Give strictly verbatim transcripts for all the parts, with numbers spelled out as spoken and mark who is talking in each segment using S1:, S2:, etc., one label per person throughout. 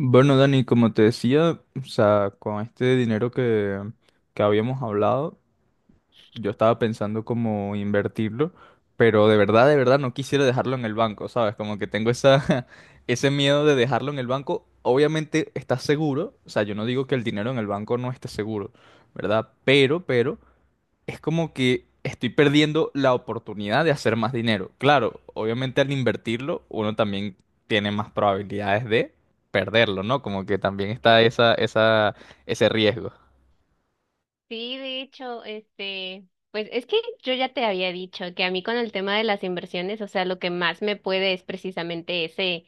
S1: Bueno, Dani, como te decía, o sea, con este dinero que, que habíamos hablado, yo estaba pensando como invertirlo, pero de verdad, de verdad no quisiera dejarlo en el banco, ¿sabes? Como que tengo esa, ese miedo de dejarlo en el banco. Obviamente está seguro, o sea, yo no digo que el dinero en el banco no esté seguro, ¿verdad? Pero, pero, es como que estoy perdiendo la oportunidad de hacer más dinero. Claro, obviamente al invertirlo, uno también tiene más probabilidades de perderlo, ¿no? Como que también está
S2: Eh, tal-
S1: esa, esa, ese riesgo.
S2: Sí, de hecho, este, pues es que yo ya te había dicho que a mí con el tema de las inversiones, o sea, lo que más me puede es precisamente ese,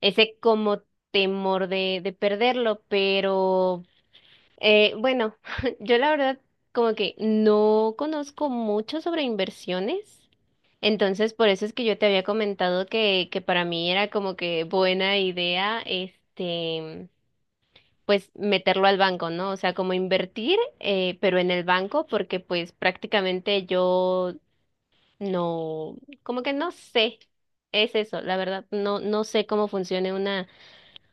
S2: ese como temor de, de perderlo, pero eh, bueno, yo la verdad como que no conozco mucho sobre inversiones. Entonces, por eso es que yo te había comentado que, que para mí era como que buena idea, este, pues meterlo al banco, ¿no? O sea, como invertir, eh, pero en el banco, porque pues prácticamente yo no, como que no sé, es eso, la verdad, no, no sé cómo funcione una,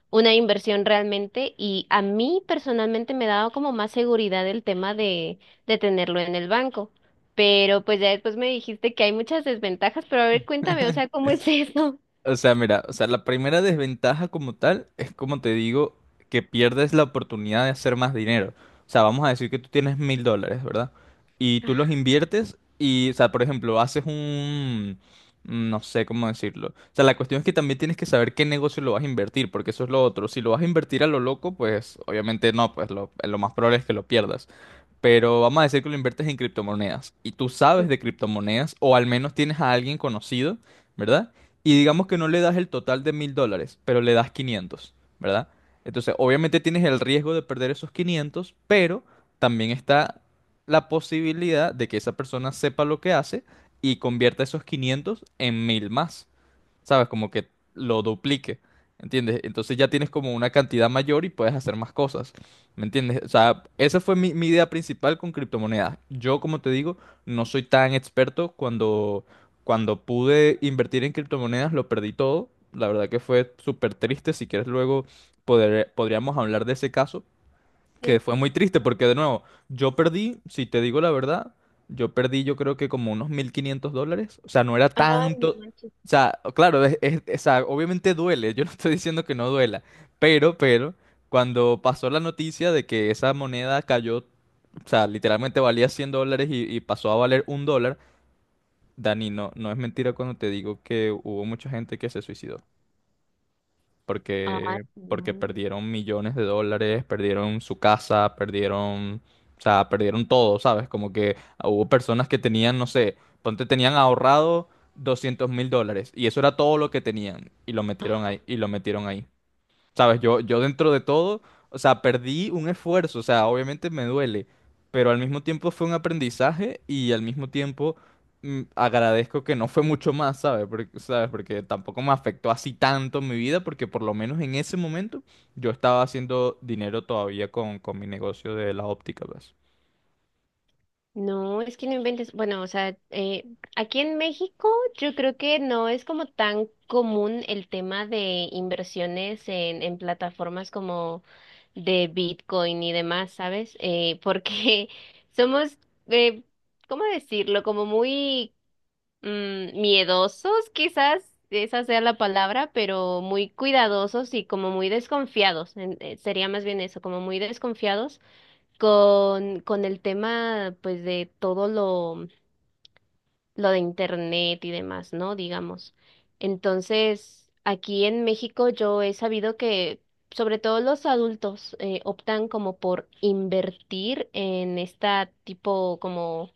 S2: una inversión realmente, y a mí personalmente me ha dado como más seguridad el tema de, de tenerlo en el banco, pero pues ya después me dijiste que hay muchas desventajas, pero a ver, cuéntame, o sea, ¿cómo es eso?
S1: O sea, mira, o sea, la primera desventaja como tal es como te digo, que pierdes la oportunidad de hacer más dinero. O sea, vamos a decir que tú tienes mil dólares, ¿verdad? Y tú los inviertes y, o sea, por ejemplo, haces un... mm, no sé cómo decirlo. O sea, la cuestión es que también tienes que saber qué negocio lo vas a invertir, porque eso es lo otro. Si lo vas a invertir a lo loco, pues obviamente no, pues lo, lo más probable es que lo pierdas, pero vamos a decir que lo inviertes en criptomonedas y tú sabes de criptomonedas o al menos tienes a alguien conocido, ¿verdad? Y digamos que no le das el total de mil dólares, pero le das quinientos, ¿verdad? Entonces, obviamente tienes el riesgo de perder esos quinientos, pero también está la posibilidad de que esa persona sepa lo que hace y convierta esos quinientos en mil más. ¿Sabes? Como que lo duplique. ¿Entiendes? Entonces ya tienes como una cantidad mayor y puedes hacer más cosas. ¿Me entiendes? O sea, esa fue mi, mi idea principal con criptomonedas. Yo, como te digo, no soy tan experto. Cuando, cuando pude invertir en criptomonedas, lo perdí todo. La verdad que fue súper triste. Si quieres luego poder- podríamos hablar de ese caso que
S2: Sí.
S1: fue muy triste porque de nuevo, yo perdí, si te digo la verdad, yo perdí yo creo que como unos mil quinientos dólares, o sea, no era
S2: Ay, no
S1: tanto.
S2: manches.
S1: O sea, claro, es, es- o sea, obviamente duele, yo no estoy diciendo que no duela, pero, pero, cuando pasó la noticia de que esa moneda cayó, o sea, literalmente valía cien dólares y, y pasó a valer un dólar. Dani, no, no es mentira cuando te digo que hubo mucha gente que se suicidó
S2: Ay,
S1: porque, porque
S2: no.
S1: perdieron millones de dólares, perdieron su casa, perdieron, o sea, perdieron todo. ¿Sabes? Como que hubo personas que tenían, no sé, ponte, tenían ahorrado doscientos mil dólares y eso era todo lo que tenían y lo metieron ahí, y lo metieron ahí. ¿Sabes? Yo, yo dentro de todo, o sea, perdí un esfuerzo, o sea, obviamente me duele, pero al mismo tiempo fue un aprendizaje y al mismo tiempo mm, agradezco que no fue mucho más, ¿sabes? Porque, ¿sabes? Porque tampoco me afectó así tanto en mi vida, porque por lo menos en ese momento yo estaba haciendo dinero todavía con, con mi negocio de la óptica, pues.
S2: No, es que no inventes. Bueno, o sea, eh, aquí en México yo creo que no es como tan común el tema de inversiones en, en plataformas como de Bitcoin y demás, ¿sabes? Eh, porque somos, eh, ¿cómo decirlo? Como muy mm, miedosos, quizás esa sea la palabra, pero muy cuidadosos y como muy desconfiados. En- eh, sería más bien eso, como muy desconfiados con, con el tema, pues, de todo lo, lo de internet y demás, ¿no? Digamos. Entonces, aquí en México yo he sabido que, sobre todo los adultos, eh, optan como por invertir en esta tipo como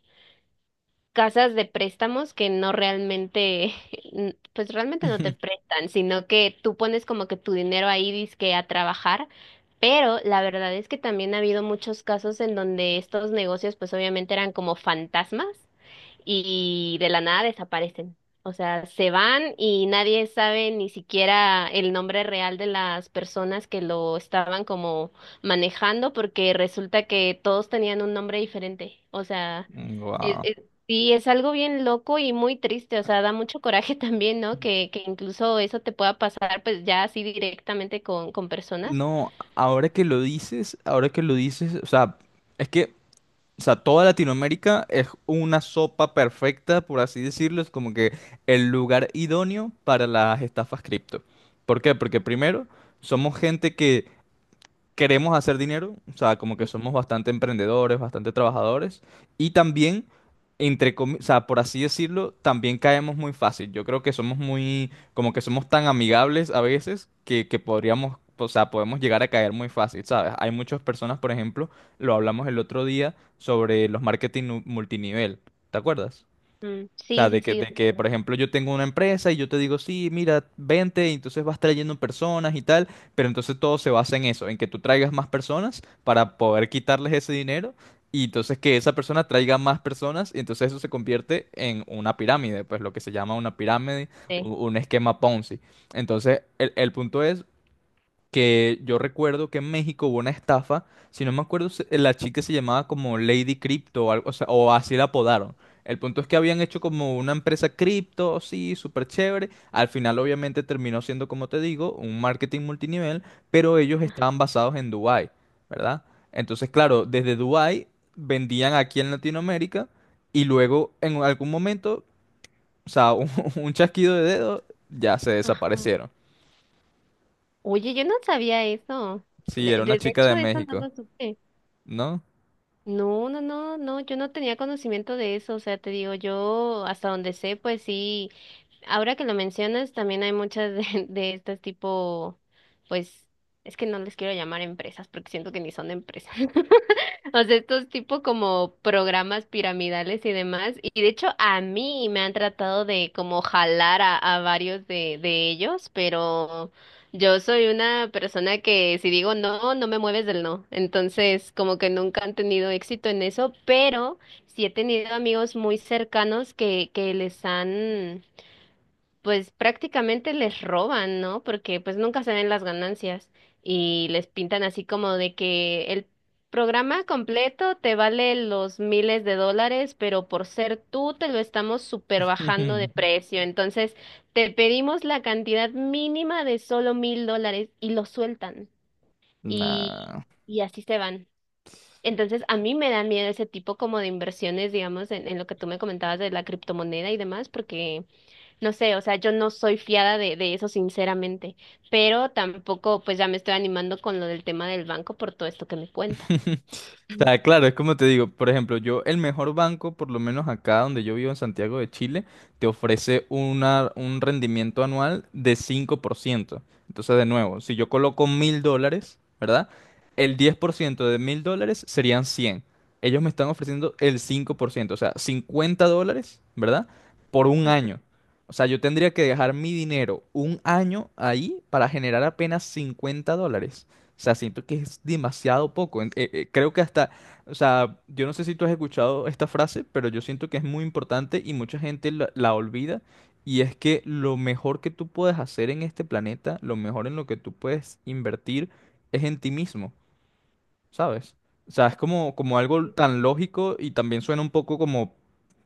S2: casas de préstamos que no realmente, n- pues realmente no te prestan, sino que tú pones como que tu dinero ahí dizque a trabajar, pero la verdad es que también ha habido muchos casos en donde estos negocios pues obviamente eran como fantasmas y de la nada desaparecen. O sea, se van y nadie sabe ni siquiera el nombre real de las personas que lo estaban como manejando, porque resulta que todos tenían un nombre diferente. O sea, e-
S1: Wow.
S2: es, Sí, es algo bien loco y muy triste, o sea, da mucho coraje también, ¿no? Que, que incluso eso te pueda pasar, pues ya así directamente con, con personas.
S1: No, ahora que lo dices, ahora que lo dices, o sea, es que o sea, toda Latinoamérica es una sopa perfecta, por así decirlo, es como que el lugar idóneo para las estafas cripto. ¿Por qué? Porque primero, somos gente que queremos hacer dinero, o sea, como que somos bastante emprendedores, bastante trabajadores, y también, entre comi- o sea, por así decirlo, también caemos muy fácil. Yo creo que somos muy, como que somos tan amigables a veces que, que podríamos, o sea, podemos llegar a caer muy fácil, ¿sabes? Hay muchas personas, por ejemplo, lo hablamos el otro día sobre los marketing nu- multinivel, ¿te acuerdas?
S2: Ujú.
S1: O sea,
S2: Sí,
S1: de
S2: sí,
S1: que,
S2: sí,
S1: de que,
S2: recuerdo.
S1: por ejemplo, yo tengo una empresa y yo te digo, sí, mira, vente, y entonces vas trayendo personas y tal, pero entonces todo se basa en eso, en que tú traigas más personas para poder quitarles ese dinero y entonces que esa persona traiga más personas y entonces eso se convierte en una pirámide, pues lo que se llama una pirámide, u-
S2: Sí.
S1: un esquema Ponzi. Entonces, el, el punto es que yo recuerdo que en México hubo una estafa. Si no me acuerdo, se- la chica se llamaba como Lady Crypto o algo, o sea, o así la apodaron. El punto es que habían hecho como una empresa cripto, sí, súper chévere. Al final obviamente terminó siendo, como te digo, un marketing multinivel, pero ellos estaban basados en Dubái, ¿verdad? Entonces, claro, desde Dubái vendían aquí en Latinoamérica y luego en algún momento, o sea, un, un chasquido de dedo, ya se
S2: Ajá.
S1: desaparecieron.
S2: Oye, yo no sabía eso.
S1: Sí,
S2: De, de-
S1: era una
S2: de
S1: chica de
S2: hecho, eso no
S1: México,
S2: lo supe.
S1: ¿no?
S2: No, no, no, no, yo no tenía conocimiento de eso, o sea, te digo, yo hasta donde sé, pues sí, ahora que lo mencionas, también hay muchas de, de estas tipo, pues, es que no les quiero llamar empresas porque siento que ni son empresas. O sea, estos tipo como programas piramidales y demás. Y de hecho a mí me han tratado de como jalar a, a varios de, de ellos, pero yo soy una persona que si digo no, no me mueves del no. Entonces como que nunca han tenido éxito en eso, pero sí he tenido amigos muy cercanos que, que les han pues prácticamente les roban, ¿no? Porque pues nunca se ven las ganancias y les pintan así como de que el programa completo te vale los miles de dólares, pero por ser tú te lo estamos super bajando de precio. Entonces te pedimos la cantidad mínima de solo mil dólares y lo sueltan y,
S1: Nah.
S2: y así se van. Entonces, a mí me da miedo ese tipo como de inversiones, digamos, en, en lo que tú me comentabas de la criptomoneda y demás, porque no sé, o sea, yo no soy fiada de, de eso, sinceramente, pero tampoco pues ya me estoy animando con lo del tema del banco por todo esto que me cuentas.
S1: O sea, claro, es como te digo, por ejemplo, yo, el mejor banco, por lo menos acá donde yo vivo en Santiago de Chile, te ofrece una, un rendimiento anual de cinco por ciento. Entonces, de nuevo, si yo coloco mil dólares, ¿verdad? El diez por ciento de mil dólares serían cien. Ellos me están ofreciendo el cinco por ciento, o sea, cincuenta dólares, ¿verdad? Por un año. O sea, yo tendría que dejar mi dinero un año ahí para generar apenas cincuenta dólares. O sea, siento que es demasiado poco. En- eh, eh, creo que hasta, o sea, yo no sé si tú has escuchado esta frase, pero yo siento que es muy importante y mucha gente la, la olvida. Y es que lo mejor que tú puedes hacer en este planeta, lo mejor en lo que tú puedes invertir, es en ti mismo. ¿Sabes? O sea, es como, como algo tan lógico y también suena un poco como,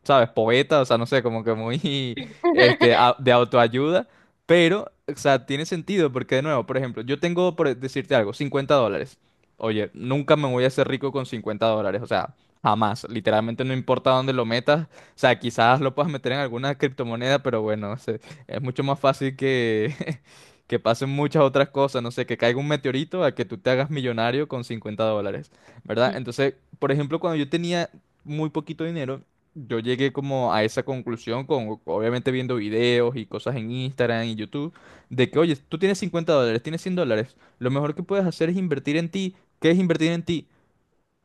S1: ¿sabes? Poeta, o sea, no sé, como que muy, este, au- de autoayuda. Pero, o sea, tiene sentido porque, de nuevo, por ejemplo, yo tengo, por decirte algo, cincuenta dólares. Oye, nunca me voy a hacer rico con cincuenta dólares, o sea, jamás, literalmente no importa dónde lo metas. O sea, quizás lo puedas meter en alguna criptomoneda, pero bueno, o sea, es mucho más fácil que, que pasen muchas otras cosas, no sé, que caiga un meteorito a que tú te hagas millonario con cincuenta dólares, ¿verdad? Entonces, por ejemplo, cuando yo tenía muy poquito dinero, yo llegué como a esa conclusión con, obviamente, viendo videos y cosas en Instagram y YouTube, de que, oye, tú tienes cincuenta dólares, tienes cien dólares, lo mejor que puedes hacer es invertir en ti. ¿Qué es invertir en ti?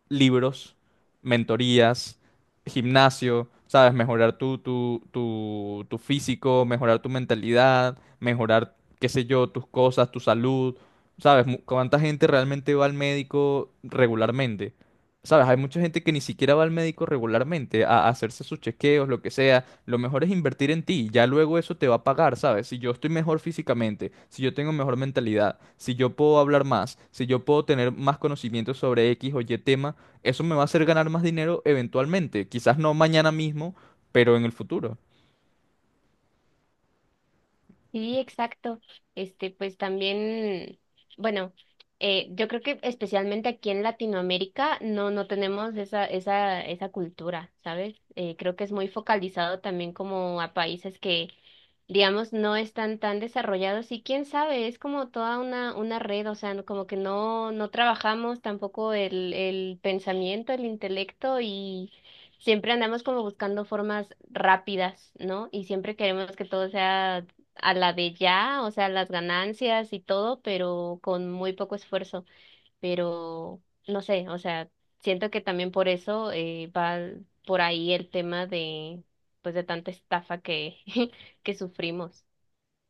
S1: Libros, mentorías, gimnasio, ¿sabes? Mejorar tu, tu, tu, tu físico, mejorar tu mentalidad, mejorar, qué sé yo, tus cosas, tu salud, ¿sabes? Mu- ¿Cuánta gente realmente va al médico regularmente? ¿Sabes? Hay mucha gente que ni siquiera va al médico regularmente a a hacerse sus chequeos, lo que sea. Lo mejor es invertir en ti, ya luego eso te va a pagar, ¿sabes? Si yo estoy mejor físicamente, si yo tengo mejor mentalidad, si yo puedo hablar más, si yo puedo tener más conocimiento sobre X o Y tema, eso me va a hacer ganar más dinero eventualmente. Quizás no mañana mismo, pero en el futuro.
S2: Sí, exacto. Este, pues también, bueno, eh, yo creo que especialmente aquí en Latinoamérica no, no tenemos esa, esa, esa cultura, ¿sabes? Eh, creo que es muy focalizado también como a países que, digamos, no están tan desarrollados, y quién sabe, es como toda una, una red, o sea, no- como que no, no trabajamos tampoco el, el pensamiento, el intelecto, y siempre andamos como buscando formas rápidas, ¿no? Y siempre queremos que todo sea a la de ya, o sea, las ganancias y todo, pero con muy poco esfuerzo. Pero no sé, o sea, siento que también por eso eh, va por ahí el tema de, pues, de tanta estafa que, que sufrimos.